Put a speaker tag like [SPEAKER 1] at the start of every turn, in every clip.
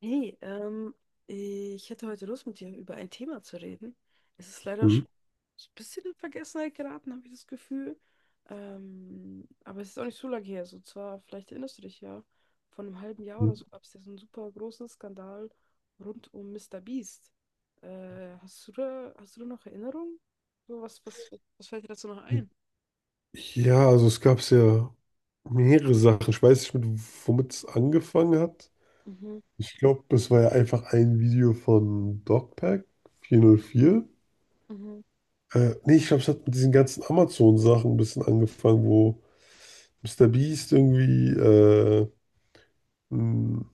[SPEAKER 1] Hey, ich hätte heute Lust, mit dir über ein Thema zu reden. Es ist leider schon
[SPEAKER 2] Mhm.
[SPEAKER 1] so ein bisschen in Vergessenheit geraten, habe ich das Gefühl. Aber es ist auch nicht so lange her. So zwar, vielleicht erinnerst du dich ja, vor einem halben Jahr oder
[SPEAKER 2] Mhm.
[SPEAKER 1] so gab es ja so einen super großen Skandal rund um Mister Beast. Hast du da noch Erinnerungen? So, was fällt dir dazu noch ein?
[SPEAKER 2] Ja, also es gab ja mehrere Sachen. Ich weiß nicht, womit es angefangen hat.
[SPEAKER 1] Mhm,
[SPEAKER 2] Ich glaube, das war ja einfach ein Video von Dogpack 404.
[SPEAKER 1] mhm.
[SPEAKER 2] Nee, ich glaube, es hat mit diesen ganzen Amazon-Sachen ein bisschen angefangen, wo Mr. Beast irgendwie ein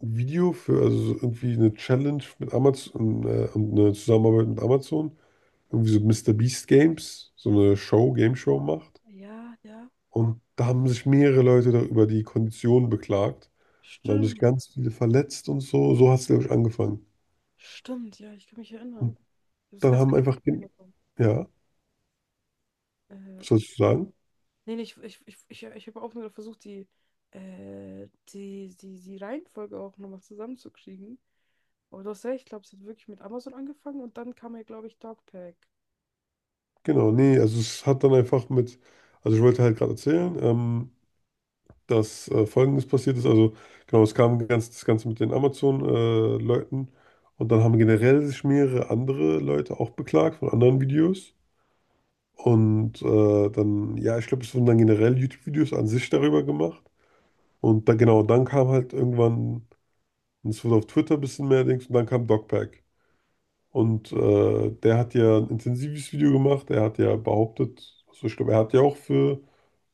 [SPEAKER 2] Video für, also so irgendwie eine Challenge mit Amazon, und eine Zusammenarbeit mit Amazon, irgendwie so Mr. Beast Games, so eine Show, Game Show
[SPEAKER 1] Ah,
[SPEAKER 2] macht.
[SPEAKER 1] ja, ja,
[SPEAKER 2] Und da haben sich mehrere Leute da über die Kondition beklagt. Und da haben sich
[SPEAKER 1] stimmt.
[SPEAKER 2] ganz viele verletzt und so. So hat es, glaube ich, angefangen.
[SPEAKER 1] Stimmt, ja, ich kann mich erinnern.
[SPEAKER 2] Und
[SPEAKER 1] Ich habe es
[SPEAKER 2] dann
[SPEAKER 1] ganz
[SPEAKER 2] haben
[SPEAKER 1] vergessen.
[SPEAKER 2] einfach, ja,
[SPEAKER 1] Äh,
[SPEAKER 2] was sollst du sagen?
[SPEAKER 1] Nee, nee, ich habe auch nur versucht, die Reihenfolge auch nochmal zusammenzukriegen. Aber du hast recht, ich glaube, es hat wirklich mit Amazon angefangen und dann kam ja, glaube ich, Dogpack.
[SPEAKER 2] Genau, nee, also es hat dann einfach mit, also ich wollte halt gerade erzählen, dass Folgendes passiert ist. Also genau, es kam ganz, das Ganze mit den Amazon-Leuten. Und dann haben generell sich mehrere andere Leute auch beklagt von anderen Videos. Und dann, ja, ich glaube, es wurden dann generell YouTube-Videos an sich darüber gemacht. Und dann genau, dann kam halt irgendwann, und es wurde auf Twitter ein bisschen mehr Dings, und dann kam Dogpack. Und der hat ja ein intensives Video gemacht, er hat ja behauptet, also ich glaube, er hat ja auch für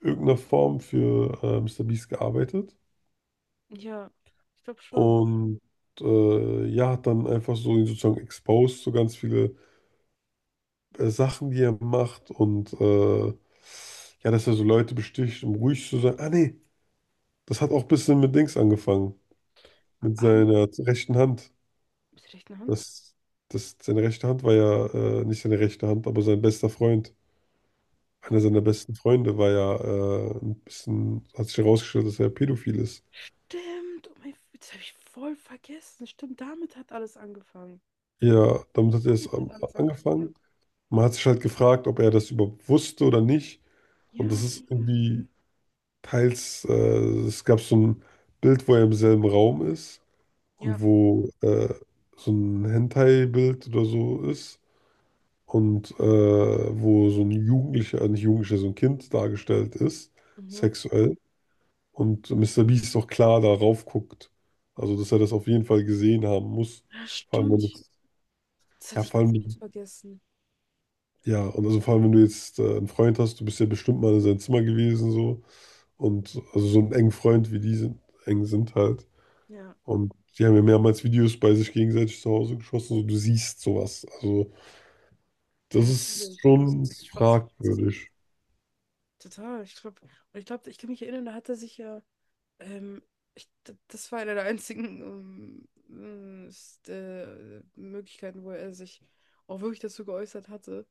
[SPEAKER 2] irgendeine Form für Mr. Beast gearbeitet.
[SPEAKER 1] Ja, ich glaube schon.
[SPEAKER 2] Und ja, hat dann einfach so ihn sozusagen exposed, so ganz viele Sachen, die er macht und ja, dass er so Leute besticht, um ruhig zu sein. Ah nee, das hat auch ein bisschen mit Dings angefangen, mit
[SPEAKER 1] Ähm,
[SPEAKER 2] seiner rechten Hand.
[SPEAKER 1] mit der rechten Hand?
[SPEAKER 2] Das, das, seine rechte Hand war ja nicht seine rechte Hand, aber sein bester Freund, einer
[SPEAKER 1] Von.
[SPEAKER 2] seiner besten Freunde, war ja ein bisschen, hat sich herausgestellt, dass er pädophil ist.
[SPEAKER 1] Stimmt, oh mein, das habe ich voll vergessen. Stimmt, damit hat alles angefangen.
[SPEAKER 2] Ja, damit hat er es
[SPEAKER 1] Damit hat alles angefangen. Ja,
[SPEAKER 2] angefangen. Man hat sich halt gefragt, ob er das überhaupt wusste oder nicht. Und das
[SPEAKER 1] ja, ja.
[SPEAKER 2] ist
[SPEAKER 1] Ja,
[SPEAKER 2] irgendwie teils, es gab so ein Bild, wo er im selben Raum ist und
[SPEAKER 1] ja,
[SPEAKER 2] wo so ein Hentai-Bild oder so ist. Und wo so ein Jugendlicher, nicht Jugendlicher, so ein Kind dargestellt ist,
[SPEAKER 1] mhm.
[SPEAKER 2] sexuell. Und Mr. Beast auch klar darauf guckt. Also, dass er das auf jeden Fall gesehen haben muss.
[SPEAKER 1] Ja,
[SPEAKER 2] Vor allem, wenn
[SPEAKER 1] stimmt.
[SPEAKER 2] es,
[SPEAKER 1] Das
[SPEAKER 2] ja,
[SPEAKER 1] hatte ich
[SPEAKER 2] vor
[SPEAKER 1] komplett
[SPEAKER 2] allem,
[SPEAKER 1] vergessen.
[SPEAKER 2] ja, und also vor allem, wenn du jetzt einen Freund hast, du bist ja bestimmt mal in seinem Zimmer gewesen, so. Und also so einen engen Freund wie die sind, eng sind halt.
[SPEAKER 1] Ja,
[SPEAKER 2] Und die haben ja mehrmals Videos bei sich gegenseitig zu Hause geschossen, so du siehst sowas. Also,
[SPEAKER 1] ja,
[SPEAKER 2] das ist
[SPEAKER 1] natürlich. Das
[SPEAKER 2] schon
[SPEAKER 1] ist Schwachsinn.
[SPEAKER 2] fragwürdig.
[SPEAKER 1] Total. Ich glaube, und ich glaube, ich kann mich erinnern, da hat er sich ja. Ähm, das war eine der einzigen Möglichkeiten, wo er sich auch wirklich dazu geäußert hatte.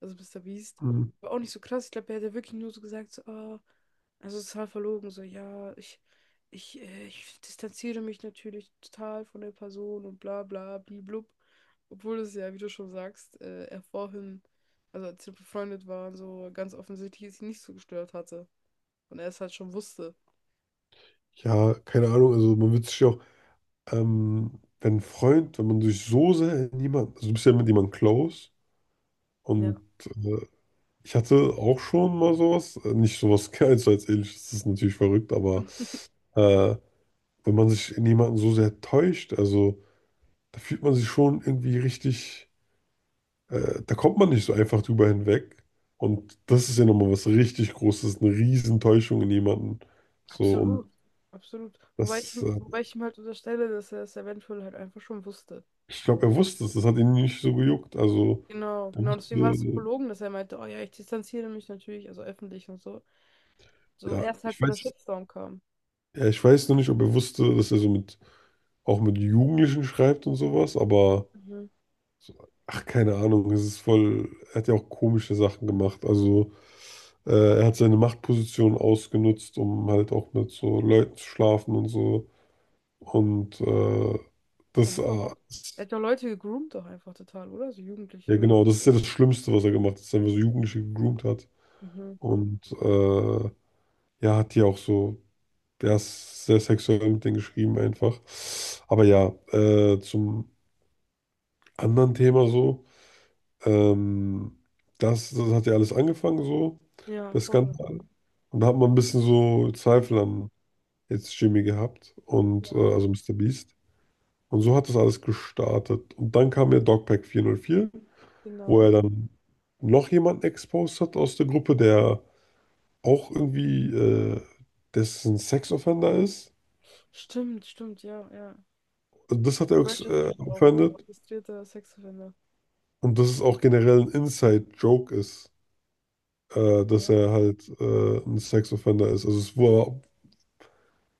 [SPEAKER 1] Also Mr. Beast.
[SPEAKER 2] Mhm.
[SPEAKER 1] War auch nicht so krass. Ich glaube, er hat ja wirklich nur so gesagt, so, ah, also total verlogen, so, ja, ich distanziere mich natürlich total von der Person und bla bla bliblub. Obwohl es ja, wie du schon sagst, er vorhin, also als sie befreundet waren, so ganz offensichtlich es ihn nicht so gestört hatte. Und er es halt schon wusste.
[SPEAKER 2] Ja, keine Ahnung, also man wird sich ja auch, wenn ein Freund, wenn man sich so sehr in jemanden, also du bist ja mit jemandem close
[SPEAKER 1] Ja.
[SPEAKER 2] und äh, ich hatte auch schon mal sowas, nicht sowas ganz so als ähnliches, das ist natürlich verrückt, aber äh, wenn man sich in jemanden so sehr täuscht, also da fühlt man sich schon irgendwie richtig, da kommt man nicht so einfach drüber hinweg und das ist ja nochmal was richtig Großes, eine Riesentäuschung in jemanden, so und
[SPEAKER 1] Absolut, absolut. Wobei ich,
[SPEAKER 2] das
[SPEAKER 1] ihm- wobei ich ihm halt unterstelle, dass er es eventuell halt einfach schon wusste.
[SPEAKER 2] ich glaube,
[SPEAKER 1] So,
[SPEAKER 2] er wusste es, das hat ihn nicht so gejuckt. Also,
[SPEAKER 1] genau,
[SPEAKER 2] er
[SPEAKER 1] genau. Deswegen war es so
[SPEAKER 2] wusste,
[SPEAKER 1] verlogen, dass er meinte, oh ja, ich distanziere mich natürlich, also öffentlich und so. So
[SPEAKER 2] ja,
[SPEAKER 1] erst halt,
[SPEAKER 2] ich
[SPEAKER 1] wo der
[SPEAKER 2] weiß,
[SPEAKER 1] Shitstorm kam.
[SPEAKER 2] ja, ich weiß noch nicht, ob er wusste, dass er so mit, auch mit Jugendlichen schreibt und sowas, aber,
[SPEAKER 1] Mhm.
[SPEAKER 2] so, ach, keine Ahnung, es ist voll, er hat ja auch komische Sachen gemacht. Also, äh, er hat seine Machtposition ausgenutzt, um halt auch mit so Leuten zu schlafen und so. Und äh,
[SPEAKER 1] Er
[SPEAKER 2] das,
[SPEAKER 1] hat
[SPEAKER 2] äh,
[SPEAKER 1] doch auch,
[SPEAKER 2] ist-
[SPEAKER 1] er hat doch Leute gegroomt doch einfach total, oder? So Jugendliche
[SPEAKER 2] ja
[SPEAKER 1] und so.
[SPEAKER 2] genau, das ist ja das Schlimmste, was er gemacht hat, dass er einfach so Jugendliche gegroomt hat.
[SPEAKER 1] Mhm.
[SPEAKER 2] Und ja, hat die auch so. Der ist sehr sexuell mit denen geschrieben einfach. Aber ja, zum anderen Thema so. Ähm, das hat ja alles angefangen so,
[SPEAKER 1] Ja,
[SPEAKER 2] der
[SPEAKER 1] voll.
[SPEAKER 2] Skandal. Und da hat man ein bisschen so Zweifel an jetzt Jimmy gehabt und
[SPEAKER 1] Ja,
[SPEAKER 2] also Mr. Beast. Und so hat das alles gestartet. Und dann kam ja Dogpack 404, wo er
[SPEAKER 1] genau.
[SPEAKER 2] dann noch jemanden exposed hat aus der Gruppe, der auch irgendwie, dessen Sex-Offender ist.
[SPEAKER 1] Stimmt, stimmt, ja, ja.
[SPEAKER 2] Also das hat er
[SPEAKER 1] Registered auch, wirklich
[SPEAKER 2] offended.
[SPEAKER 1] registrierter Sexoffender.
[SPEAKER 2] Und dass es auch generell ein Inside-Joke ist, dass
[SPEAKER 1] Ja.
[SPEAKER 2] er halt ein Sex-Offender ist. Also es war,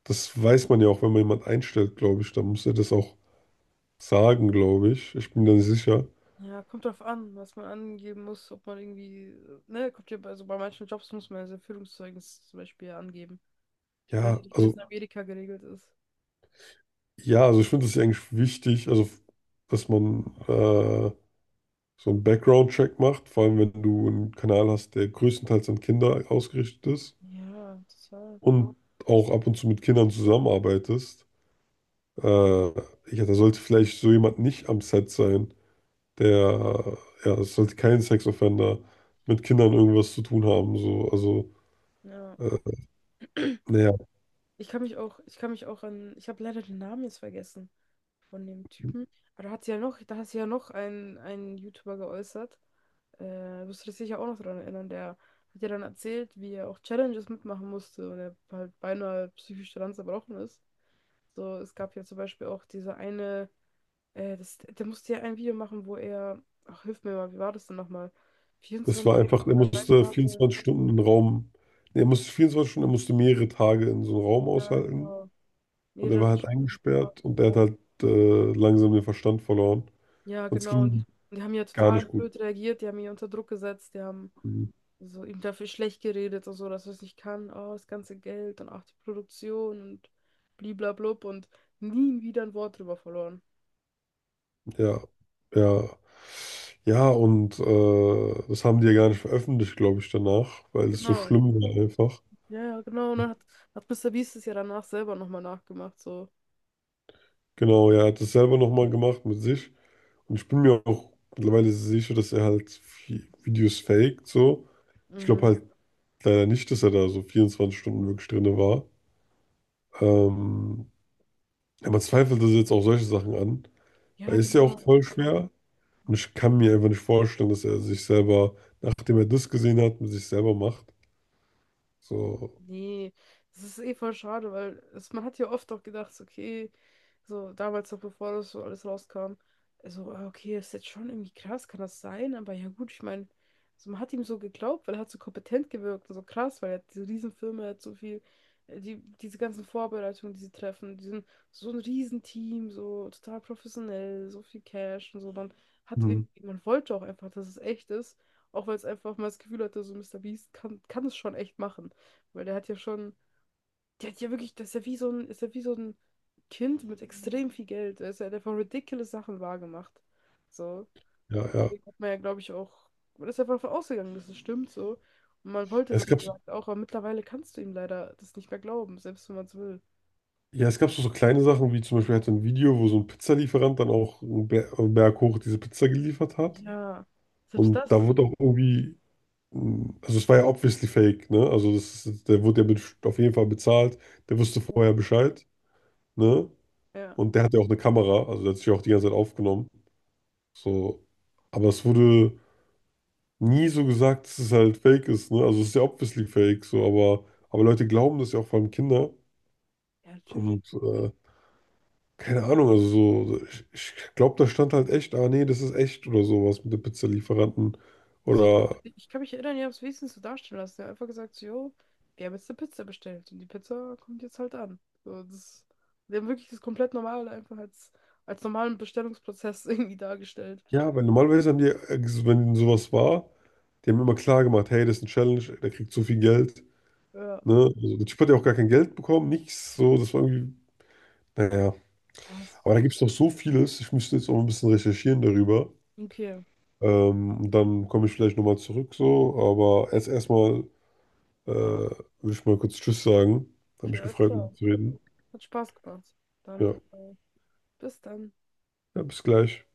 [SPEAKER 2] das weiß man ja auch, wenn man jemanden einstellt, glaube ich, dann muss er das auch sagen, glaube ich. Ich bin mir da nicht sicher.
[SPEAKER 1] Ja, kommt drauf an, was man angeben muss, ob man irgendwie, ne, kommt ja, bei manchen Jobs muss man sein Führungszeugnis zum Beispiel ja angeben. Ich weiß ja
[SPEAKER 2] Ja,
[SPEAKER 1] nicht, wie das
[SPEAKER 2] also
[SPEAKER 1] in Amerika geregelt ist.
[SPEAKER 2] ja, also ich finde es eigentlich wichtig, also dass man so einen Background-Check macht, vor allem wenn du einen Kanal hast, der größtenteils an Kinder ausgerichtet ist
[SPEAKER 1] Ja, total.
[SPEAKER 2] und auch ab und zu mit Kindern zusammenarbeitest. Äh, ja, da sollte vielleicht so jemand nicht am Set sein. der, ja, es sollte kein Sexoffender mit Kindern irgendwas zu tun haben. So, also,
[SPEAKER 1] Ja.
[SPEAKER 2] äh, naja,
[SPEAKER 1] Ich kann mich auch an, Ich habe leider den Namen jetzt vergessen von dem Typen. Aber da hat sie ja noch, einen YouTuber geäußert. Äh, Wirst du dich sicher auch noch daran erinnern, der hat ja dann erzählt, wie er auch Challenges mitmachen musste und er halt beinahe psychisch daran zerbrochen ist. So, es gab ja zum Beispiel auch diese eine, der musste ja ein Video machen, wo er, ach, hilf mir mal, wie war das denn nochmal?
[SPEAKER 2] es
[SPEAKER 1] Vierundzwanzig
[SPEAKER 2] war einfach,
[SPEAKER 1] Stunden
[SPEAKER 2] er
[SPEAKER 1] oder drei
[SPEAKER 2] musste
[SPEAKER 1] Tage,
[SPEAKER 2] 24 Stunden in Raum, nee, er musste 24 Stunden, er musste mehrere Tage in so einem Raum
[SPEAKER 1] ja,
[SPEAKER 2] aushalten
[SPEAKER 1] genau,
[SPEAKER 2] und er war
[SPEAKER 1] mehrere
[SPEAKER 2] halt
[SPEAKER 1] Stunden.
[SPEAKER 2] eingesperrt und er hat halt langsam den Verstand verloren
[SPEAKER 1] Ja,
[SPEAKER 2] und es
[SPEAKER 1] genau, und die,
[SPEAKER 2] ging
[SPEAKER 1] und die haben ja
[SPEAKER 2] gar
[SPEAKER 1] total
[SPEAKER 2] nicht gut.
[SPEAKER 1] blöd reagiert, die haben ihn unter Druck gesetzt, die haben so ihm dafür schlecht geredet und so, dass er es nicht kann, oh, das ganze Geld und auch die Produktion und bliblablub und nie wieder ein Wort drüber verloren.
[SPEAKER 2] Ja, ja. Ja, und das haben die ja gar nicht veröffentlicht, glaube ich, danach, weil es so
[SPEAKER 1] Genau,
[SPEAKER 2] schlimm war einfach.
[SPEAKER 1] ja, ja, genau, und dann hat Mr. Beast es ja danach selber nochmal nachgemacht, so.
[SPEAKER 2] Genau, ja, er hat es selber nochmal gemacht mit sich. Und ich bin mir auch mittlerweile sicher, dass er halt Videos faked, so. Ich glaube
[SPEAKER 1] Mhm.
[SPEAKER 2] halt leider nicht, dass er da so 24 Stunden wirklich drin war. Ähm, ja, man zweifelt das jetzt auch solche Sachen an,
[SPEAKER 1] Ja,
[SPEAKER 2] weil es ist ja auch
[SPEAKER 1] genau.
[SPEAKER 2] voll schwer. Und ich kann mir einfach nicht vorstellen, dass er sich selber, nachdem er das gesehen hat, mit sich selber macht. So,
[SPEAKER 1] Nee, das ist eh voll schade, weil es, man hat ja oft auch gedacht, so, okay, so damals noch bevor das so alles rauskam, also ah, okay, ist jetzt schon irgendwie krass, kann das sein? Aber ja gut, ich meine, also man hat ihm so geglaubt, weil er hat so kompetent gewirkt und so krass, weil er hat diese Riesenfirma, er hat so viel, diese ganzen Vorbereitungen, die sie treffen, diesen so ein Riesenteam, so total professionell, so viel Cash und so, dann hat
[SPEAKER 2] hm,
[SPEAKER 1] irgendwie, man wollte auch einfach, dass es echt ist, auch weil es einfach mal das Gefühl hatte, so Mister Beast kann es schon echt machen. Weil der hat ja schon, der hat ja wirklich, das ist ja wie so ein, ist ja wie so ein Kind mit extrem viel Geld. Weißt du, er hat einfach ridiculous Sachen wahrgemacht. So.
[SPEAKER 2] ja,
[SPEAKER 1] Und
[SPEAKER 2] ja. Ja,
[SPEAKER 1] deswegen hat man ja, glaube ich, auch, man ist einfach davon ausgegangen, dass es stimmt so. Und man wollte
[SPEAKER 2] Es
[SPEAKER 1] es, wie
[SPEAKER 2] gab,
[SPEAKER 1] gesagt, auch, aber mittlerweile kannst du ihm leider das nicht mehr glauben, selbst wenn man es will.
[SPEAKER 2] ja, es gab so, so kleine Sachen, wie zum Beispiel halt so ein Video, wo so ein Pizzalieferant dann auch einen Berg hoch diese Pizza geliefert hat.
[SPEAKER 1] Ja, selbst
[SPEAKER 2] Und da
[SPEAKER 1] das.
[SPEAKER 2] wurde auch irgendwie. Also es war ja obviously fake, ne? Also das ist, der wurde ja mit, auf jeden Fall bezahlt, der wusste
[SPEAKER 1] Ja,
[SPEAKER 2] vorher Bescheid, ne?
[SPEAKER 1] ja,
[SPEAKER 2] Und der hatte ja auch eine Kamera, also der hat sich ja auch die ganze Zeit aufgenommen. So. Aber es wurde nie so gesagt, dass es halt fake ist, ne? Also es ist ja obviously fake, so, aber Leute glauben das ja auch vor allem Kinder.
[SPEAKER 1] natürlich.
[SPEAKER 2] Und keine Ahnung, also so, ich glaube, da stand halt echt, ah nee, das ist echt oder sowas mit dem Pizzalieferanten.
[SPEAKER 1] Also ich,
[SPEAKER 2] Oder
[SPEAKER 1] ich kann mich erinnern, ihr habt es wenigstens so darstellen lassen. Ihr habt einfach gesagt, so, jo, wir haben jetzt eine Pizza bestellt und die Pizza kommt jetzt halt an. So, wir haben wirklich das komplett normal einfach als normalen Bestellungsprozess irgendwie dargestellt.
[SPEAKER 2] Ja, weil normalerweise haben die, wenn sowas war, die haben immer klar gemacht, hey, das ist eine Challenge, der kriegt so viel Geld.
[SPEAKER 1] Ja,
[SPEAKER 2] Ne? Also, der Typ hat ja auch gar kein Geld bekommen, nichts. So, das war irgendwie, naja.
[SPEAKER 1] ja, das,
[SPEAKER 2] Aber da gibt es noch so vieles. Ich müsste jetzt auch ein bisschen recherchieren darüber.
[SPEAKER 1] okay,
[SPEAKER 2] Und dann komme ich vielleicht nochmal zurück so. Aber jetzt erstmal will ich mal kurz Tschüss sagen. Hat
[SPEAKER 1] okay,
[SPEAKER 2] mich
[SPEAKER 1] alles
[SPEAKER 2] gefreut, mit
[SPEAKER 1] klar.
[SPEAKER 2] dir zu reden.
[SPEAKER 1] Hat Spaß gemacht.
[SPEAKER 2] Ja,
[SPEAKER 1] Dann, bis dann.
[SPEAKER 2] ja, bis gleich.